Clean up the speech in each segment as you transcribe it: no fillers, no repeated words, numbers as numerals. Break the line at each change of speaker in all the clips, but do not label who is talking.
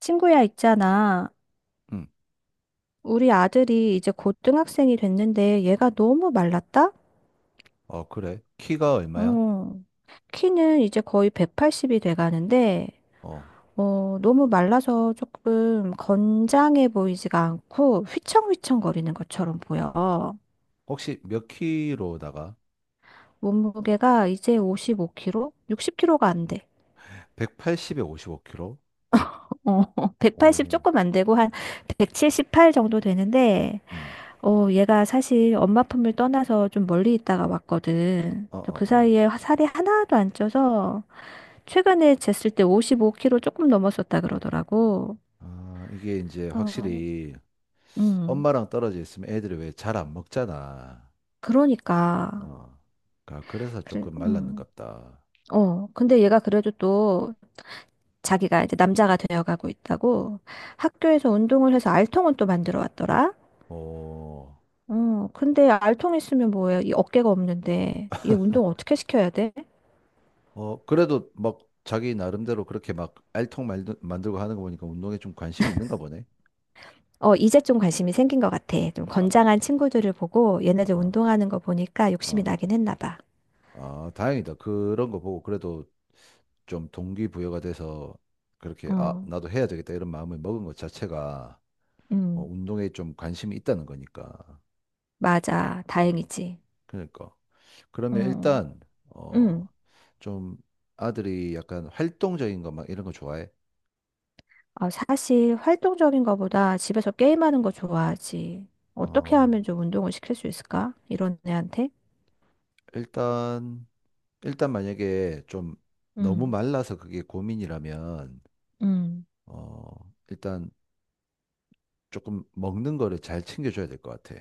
친구야, 있잖아.
응.
우리 아들이 이제 고등학생이 됐는데 얘가 너무 말랐다?
그래. 키가 얼마야?
어. 키는 이제 거의 180이 돼가는데,
어.
너무 말라서 조금 건장해 보이지가 않고 휘청휘청거리는 것처럼 보여.
혹시 몇 키로다가?
몸무게가 이제 55kg? 60kg가 안 돼.
180에 55키로?
어, 180
오,
조금 안 되고 한 178 정도 되는데,
음.
얘가 사실 엄마 품을 떠나서 좀 멀리 있다가 왔거든.
어, 어,
저그
어.
사이에 살이 하나도 안 쪄서 최근에 쟀을 때 55kg 조금 넘었었다 그러더라고.
아, 이게 이제
어,
확실히
음,
엄마랑 떨어져 있으면 애들이 왜 잘 안 먹잖아.
그러니까.
어. 그러니까 그래서
그래,
조금 말랐는갑다.
근데 얘가 그래도 또 자기가 이제 남자가 되어가고 있다고 학교에서 운동을 해서 알통은 또 만들어 왔더라.
어.
근데 알통 있으면 뭐해? 이 어깨가 없는데 얘 운동 어떻게 시켜야 돼?
그래도 막 자기 나름대로 그렇게 막 알통 만들고 하는 거 보니까 운동에 좀 관심이 있는가 보네.
어, 이제 좀 관심이 생긴 것 같아. 좀
아,
건장한 친구들을 보고
아,
얘네들
아.
운동하는 거 보니까 욕심이
아,
나긴 했나 봐.
아, 다행이다. 그런 거 보고 그래도 좀 동기부여가 돼서 그렇게 아,
어,
나도 해야 되겠다 이런 마음을 먹은 것 자체가
음,
운동에 좀 관심이 있다는 거니까.
맞아.
음.
다행이지.
그러니까. 그러면
어,
일단 어,
음.
좀 아들이 약간 활동적인 거 막 이런 거 좋아해?
아, 사실 활동적인 거보다 집에서 게임하는 거 좋아하지. 어떻게
어,
하면 좀 운동을 시킬 수 있을까? 이런 애한테?
일단 일단 만약에 좀 너무
음.
말라서 그게 고민이라면
음.
일단 조금 먹는 거를 잘 챙겨줘야 될 것 같아.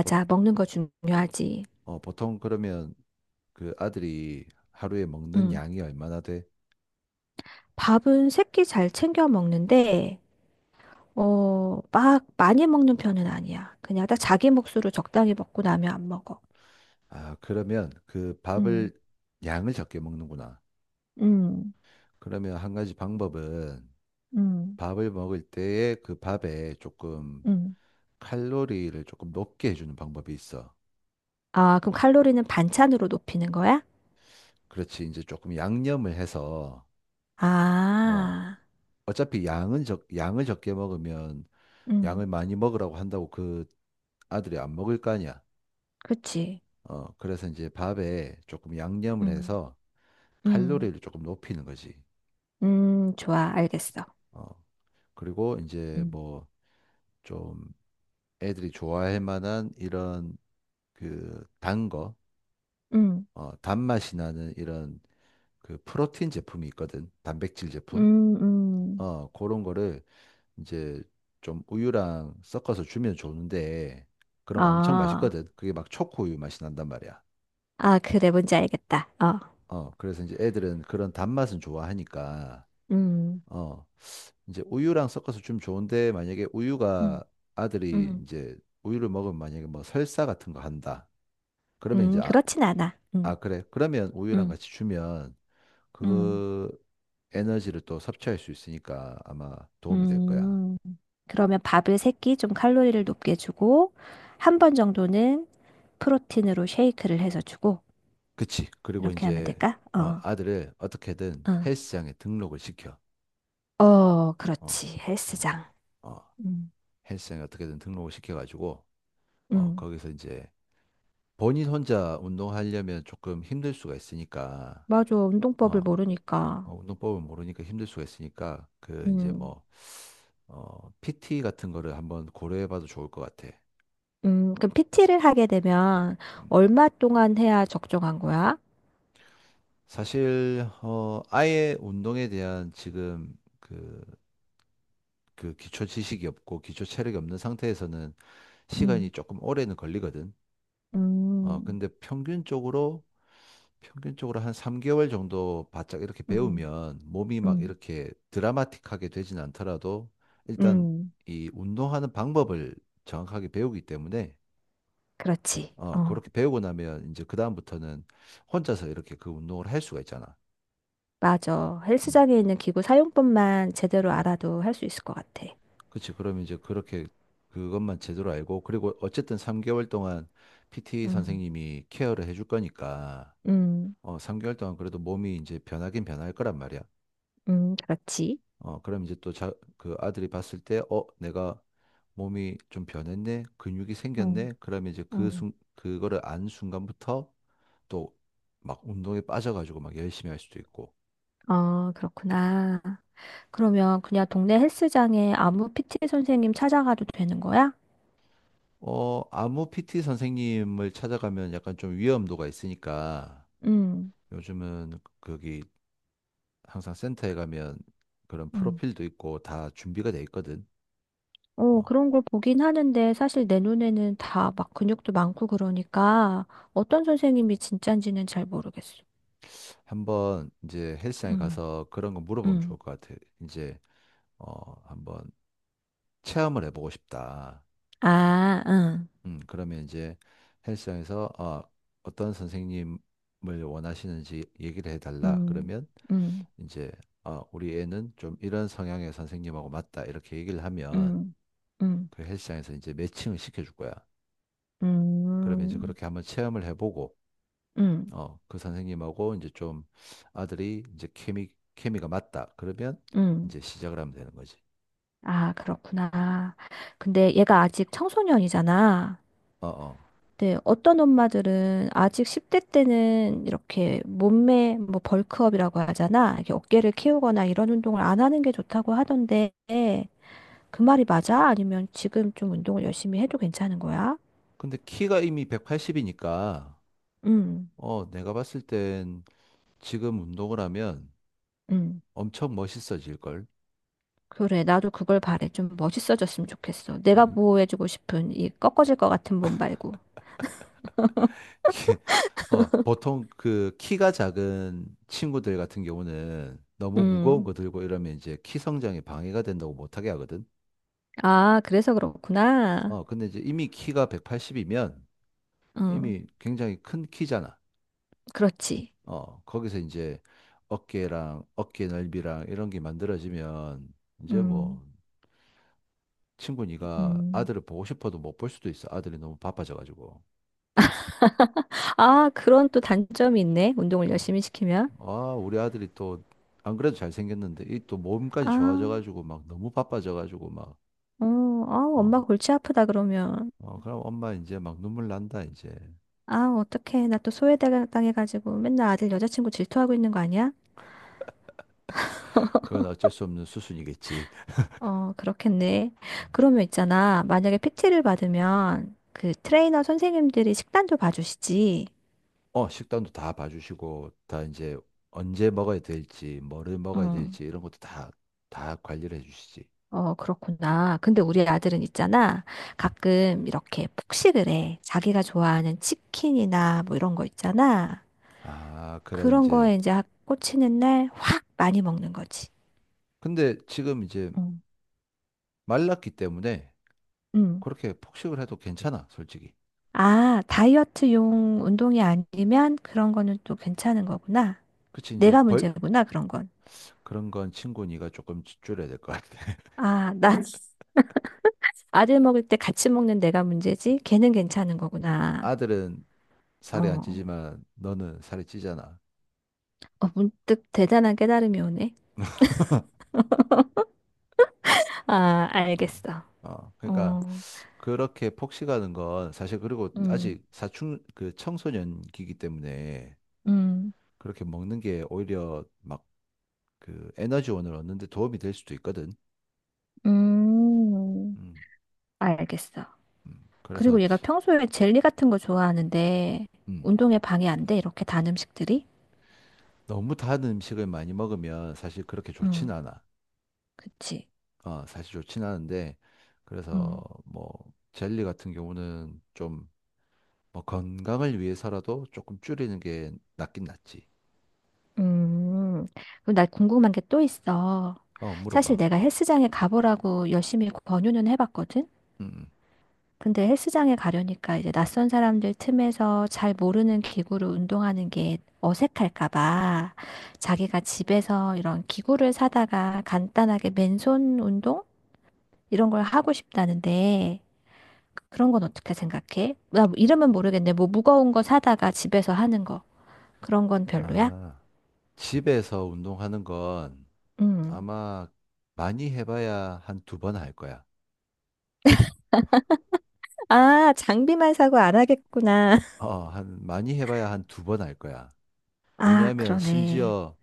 보,
먹는 거 중요하지.
보통 그러면 그 아들이 하루에 먹는
음.
양이 얼마나 돼?
밥은 새끼 잘 챙겨 먹는데, 막 많이 먹는 편은 아니야. 그냥 딱 자기 몫으로 적당히 먹고 나면 안 먹어.
아, 그러면 그
음.
밥을 양을 적게 먹는구나.
음.
그러면 한 가지 방법은
음.
밥을 먹을 때에 그 밥에 조금
음.
칼로리를 조금 높게 해주는 방법이 있어.
아, 그럼 칼로리는 반찬으로 높이는 거야?
그렇지. 이제 조금 양념을 해서, 어,
아.
어차피 양을 적게 먹으면
음.
양을 많이 먹으라고 한다고 그 아들이 안 먹을 거 아니야.
그치.
그래서 이제 밥에 조금 양념을
음.
해서
음.
칼로리를 조금 높이는 거지.
음. 좋아, 알겠어.
어, 그리고 이제
음.
뭐 좀 애들이 좋아할 만한 이런 그 단 거,
음.
단맛이 나는 이런 그 프로틴 제품이 있거든. 단백질 제품.
음. 음.
그런 거를 이제 좀 우유랑 섞어서 주면 좋은데 그럼 엄청
아,
맛있거든. 그게 막 초코 우유 맛이 난단 말이야.
아, 그래, 뭔지 알겠다. 어.
그래서 이제 애들은 그런 단맛은 좋아하니까
음.
어, 이제 우유랑 섞어서 주면 좋은데 만약에 우유가
음.
아들이
음.
이제 우유를 먹으면 만약에 뭐 설사 같은 거 한다. 그러면 이제 아,
그렇진 않아.
아
음.
그래. 그러면 우유랑
음.
같이 주면
음.
그 에너지를 또 섭취할 수 있으니까 아마 도움이 될 거야.
음. 그러면 밥을 3끼 좀 칼로리를 높게 주고, 한 번 정도는 프로틴으로 쉐이크를 해서 주고,
그치. 그리고
이렇게 하면
이제
될까? 어.
아들을 어떻게든
어.
헬스장에 등록을 시켜.
어,
어,
그렇지.
어,
헬스장.
어.
음.
헬스장에 어떻게든 등록을 시켜가지고
음.
거기서 이제 본인 혼자 운동하려면 조금 힘들 수가 있으니까
맞아. 운동법을
어,
모르니까.
운동법을 모르니까 힘들 수가 있으니까 그 이제
음.
뭐 PT 같은 거를 한번 고려해봐도 좋을 것 같아.
음. 그럼 PT를 하게 되면
음.
얼마 동안 해야 적정한 거야?
사실 아예 운동에 대한 지금 그 기초 지식이 없고 기초 체력이 없는 상태에서는 시간이
음.
조금 오래는 걸리거든.
음.
근데 평균적으로 한 3개월 정도 바짝 이렇게
음.
배우면 몸이 막
음.
이렇게 드라마틱하게 되진 않더라도 일단
음.
이 운동하는 방법을 정확하게 배우기 때문에
그렇지. 어,
그렇게 배우고 나면 이제 그다음부터는 혼자서 이렇게 그 운동을 할 수가 있잖아.
맞아.
음.
헬스장에 있는 기구 사용법만 제대로 알아도 할 수 있을 것 같아.
그치. 그럼 이제 그렇게 그것만 제대로 알고, 그리고 어쨌든 3개월 동안 PT
음.
선생님이 케어를 해줄 거니까,
음.
3개월 동안 그래도 몸이 이제 변하긴 변할 거란 말이야.
음. 그렇지.
그럼 이제 또 자, 그 아들이 봤을 때, 내가 몸이 좀 변했네? 근육이
응,
생겼네? 그러면 이제
응.
그거를 안 순간부터 또 막 운동에 빠져가지고 막 열심히 할 수도 있고,
어, 그렇구나. 그러면 그냥 동네 헬스장에 아무 PT 선생님 찾아가도 되는 거야?
아무 PT 선생님을 찾아가면 약간 좀 위험도가 있으니까,
음.
요즘은 거기 항상 센터에 가면 그런
응.
프로필도 있고 다 준비가 돼 있거든.
어,
어,
그런 걸 보긴 하는데 사실 내 눈에는 다 막 근육도 많고 그러니까 어떤 선생님이 진짠지는 잘 모르겠어.
한번 이제 헬스장에
음.
가서 그런 거 물어보면
음.
좋을 것 같아. 이제 한번 체험을 해보고 싶다.
아, 응.
그러면 이제 헬스장에서 어떤 선생님을 원하시는지 얘기를 해달라.
음.
그러면
음.
이제 우리 애는 좀 이런 성향의 선생님하고 맞다. 이렇게 얘기를 하면
음. 음.
그 헬스장에서 이제 매칭을 시켜줄 거야. 그러면 이제
음.
그렇게 한번 체험을 해보고
음.
그 선생님하고 이제 좀 아들이 이제 케미가 맞다. 그러면
음.
이제 시작을 하면 되는 거지.
아, 그렇구나. 근데 얘가 아직 청소년이잖아.
어, 어.
근데 어떤 엄마들은 아직 10대 때는 이렇게 몸매, 뭐 벌크업이라고 하잖아. 이렇게 어깨를 키우거나 이런 운동을 안 하는 게 좋다고 하던데, 그 말이 맞아? 아니면 지금 좀 운동을 열심히 해도 괜찮은 거야?
근데 키가 이미 180이니까,
음.
내가 봤을 땐 지금 운동을 하면
음.
엄청 멋있어질 걸.
그래, 나도 그걸 바래. 좀 멋있어졌으면 좋겠어.
어,
내가 보호해주고 싶은 이 꺾어질 것 같은 몸 말고.
이게, 보통 그 키가 작은 친구들 같은 경우는 너무 무거운
음.
거 들고 이러면 이제 키 성장에 방해가 된다고 못하게 하거든.
아, 그래서 그렇구나.
근데 이제 이미 키가 180이면
음,
이미 굉장히 큰 키잖아.
그렇지.
거기서 이제 어깨랑 어깨 넓이랑 이런 게 만들어지면 이제 뭐
음.
친구 니가
음.
아들을 보고 싶어도 못 볼 수도 있어. 아들이 너무 바빠져 가지고.
아, 그런 또 단점이 있네. 운동을
어.
열심히 시키면.
아, 우리 아들이 또 안 그래도 잘생겼는데 이 또 몸까지
아,
좋아져 가지고 막 너무 바빠져 가지고 막
어, 아,
어.
엄마 골치 아프다 그러면.
그럼 엄마 이제 막 눈물 난다 이제.
아, 어떡해. 나 또 소외당해가지고 맨날 아들 여자친구 질투하고 있는 거 아니야?
그건 어쩔 수 없는 수순이겠지.
어, 그렇겠네.
음.
그러면 있잖아. 만약에 PT를 받으면 그 트레이너 선생님들이 식단도 봐주시지.
식단도 다 봐주시고 다 이제 언제 먹어야 될지, 뭐를 먹어야
응.
될지 이런 것도 다 관리를 해주시지.
어, 그렇구나. 근데 우리 아들은 있잖아. 가끔 이렇게 폭식을 해. 자기가 좋아하는 치킨이나 뭐 이런 거 있잖아.
아, 그런
그런
이제.
거에 이제 꽂히는 날 확 많이 먹는 거지.
근데 지금 이제
응,
말랐기 때문에
응,
그렇게 폭식을 해도 괜찮아, 솔직히.
아, 다이어트용 운동이 아니면 그런 거는 또 괜찮은 거구나.
그치,
내가 문제구나, 그런 건.
그런 건 친구 니가 조금 줄여야 될 것 같아.
아, 나 아들 먹을 때 같이 먹는 내가 문제지. 걔는 괜찮은 거구나.
아들은 살이 안
어,
찌지만 너는 살이 찌잖아.
어, 문득 대단한 깨달음이 오네. 아,
어,
알겠어.
어. 그러니까
어.
그렇게 폭식하는 건 사실 그리고
음.
아직 그 청소년기이기 때문에
음.
그렇게 먹는 게 오히려 막 그 에너지원을 얻는 데 도움이 될 수도 있거든.
음.
음,
알겠어.
그래서
그리고 얘가 평소에 젤리 같은 거 좋아하는데
음.
운동에 방해 안 돼, 이렇게 단 음식들이?
너무 단 음식을 많이 먹으면 사실 그렇게 좋진
응,
않아.
그치.
사실 좋진 않은데, 그래서
응.
뭐, 젤리 같은 경우는 좀, 뭐, 건강을 위해서라도 조금 줄이는 게 낫긴 낫지.
음, 그럼 나 궁금한 게 또 있어. 사실
물어봐.
내가 헬스장에 가보라고 열심히 권유는 해봤거든?
음, 음.
근데 헬스장에 가려니까 이제 낯선 사람들 틈에서 잘 모르는 기구로 운동하는 게 어색할까 봐 자기가 집에서 이런 기구를 사다가 간단하게 맨손 운동? 이런 걸 하고 싶다는데 그런 건 어떻게 생각해? 나 뭐 이름은 모르겠네. 뭐 무거운 거 사다가 집에서 하는 거. 그런 건 별로야?
아, 집에서 운동하는 건
음.
아마 많이 해봐야 한 두 번 할 거야.
아, 장비만 사고 안 하겠구나.
많이 해봐야 한 두 번 할 거야.
아,
왜냐하면
그러네.
심지어,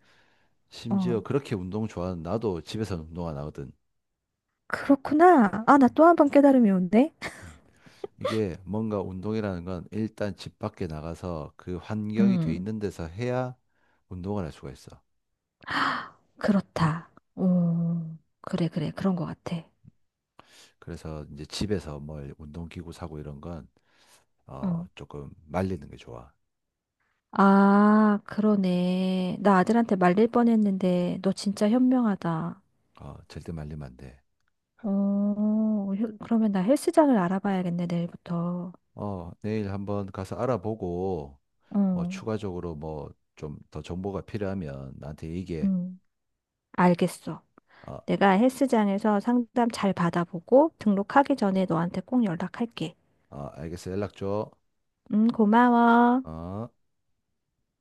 어,
심지어 그렇게 운동 좋아하는 나도 집에서 운동 안 하거든.
그렇구나. 아, 나 또 한 번 깨달음이 온대.
음. 이게 뭔가 운동이라는 건 일단 집 밖에 나가서 그 환경이 돼
음,
있는 데서 해야 운동을 할 수가 있어.
그렇다. 오, 그래, 그래. 그런 것 같아.
그래서 이제 집에서 뭘 운동기구 사고 이런 건,
어.
조금 말리는 게 좋아.
아, 그러네. 나 아들한테 말릴 뻔했는데, 너 진짜 현명하다.
절대 말리면 안 돼.
어, 그러면 나 헬스장을 알아봐야겠네, 내일부터.
내일 한번 가서 알아보고, 뭐
어,
추가적으로 뭐 좀 더 정보가 필요하면 나한테 얘기해.
음. 알겠어.
어,
내가 헬스장에서 상담 잘 받아보고 등록하기 전에 너한테 꼭 연락할게.
어, 알겠어. 연락 줘.
고마워.
어.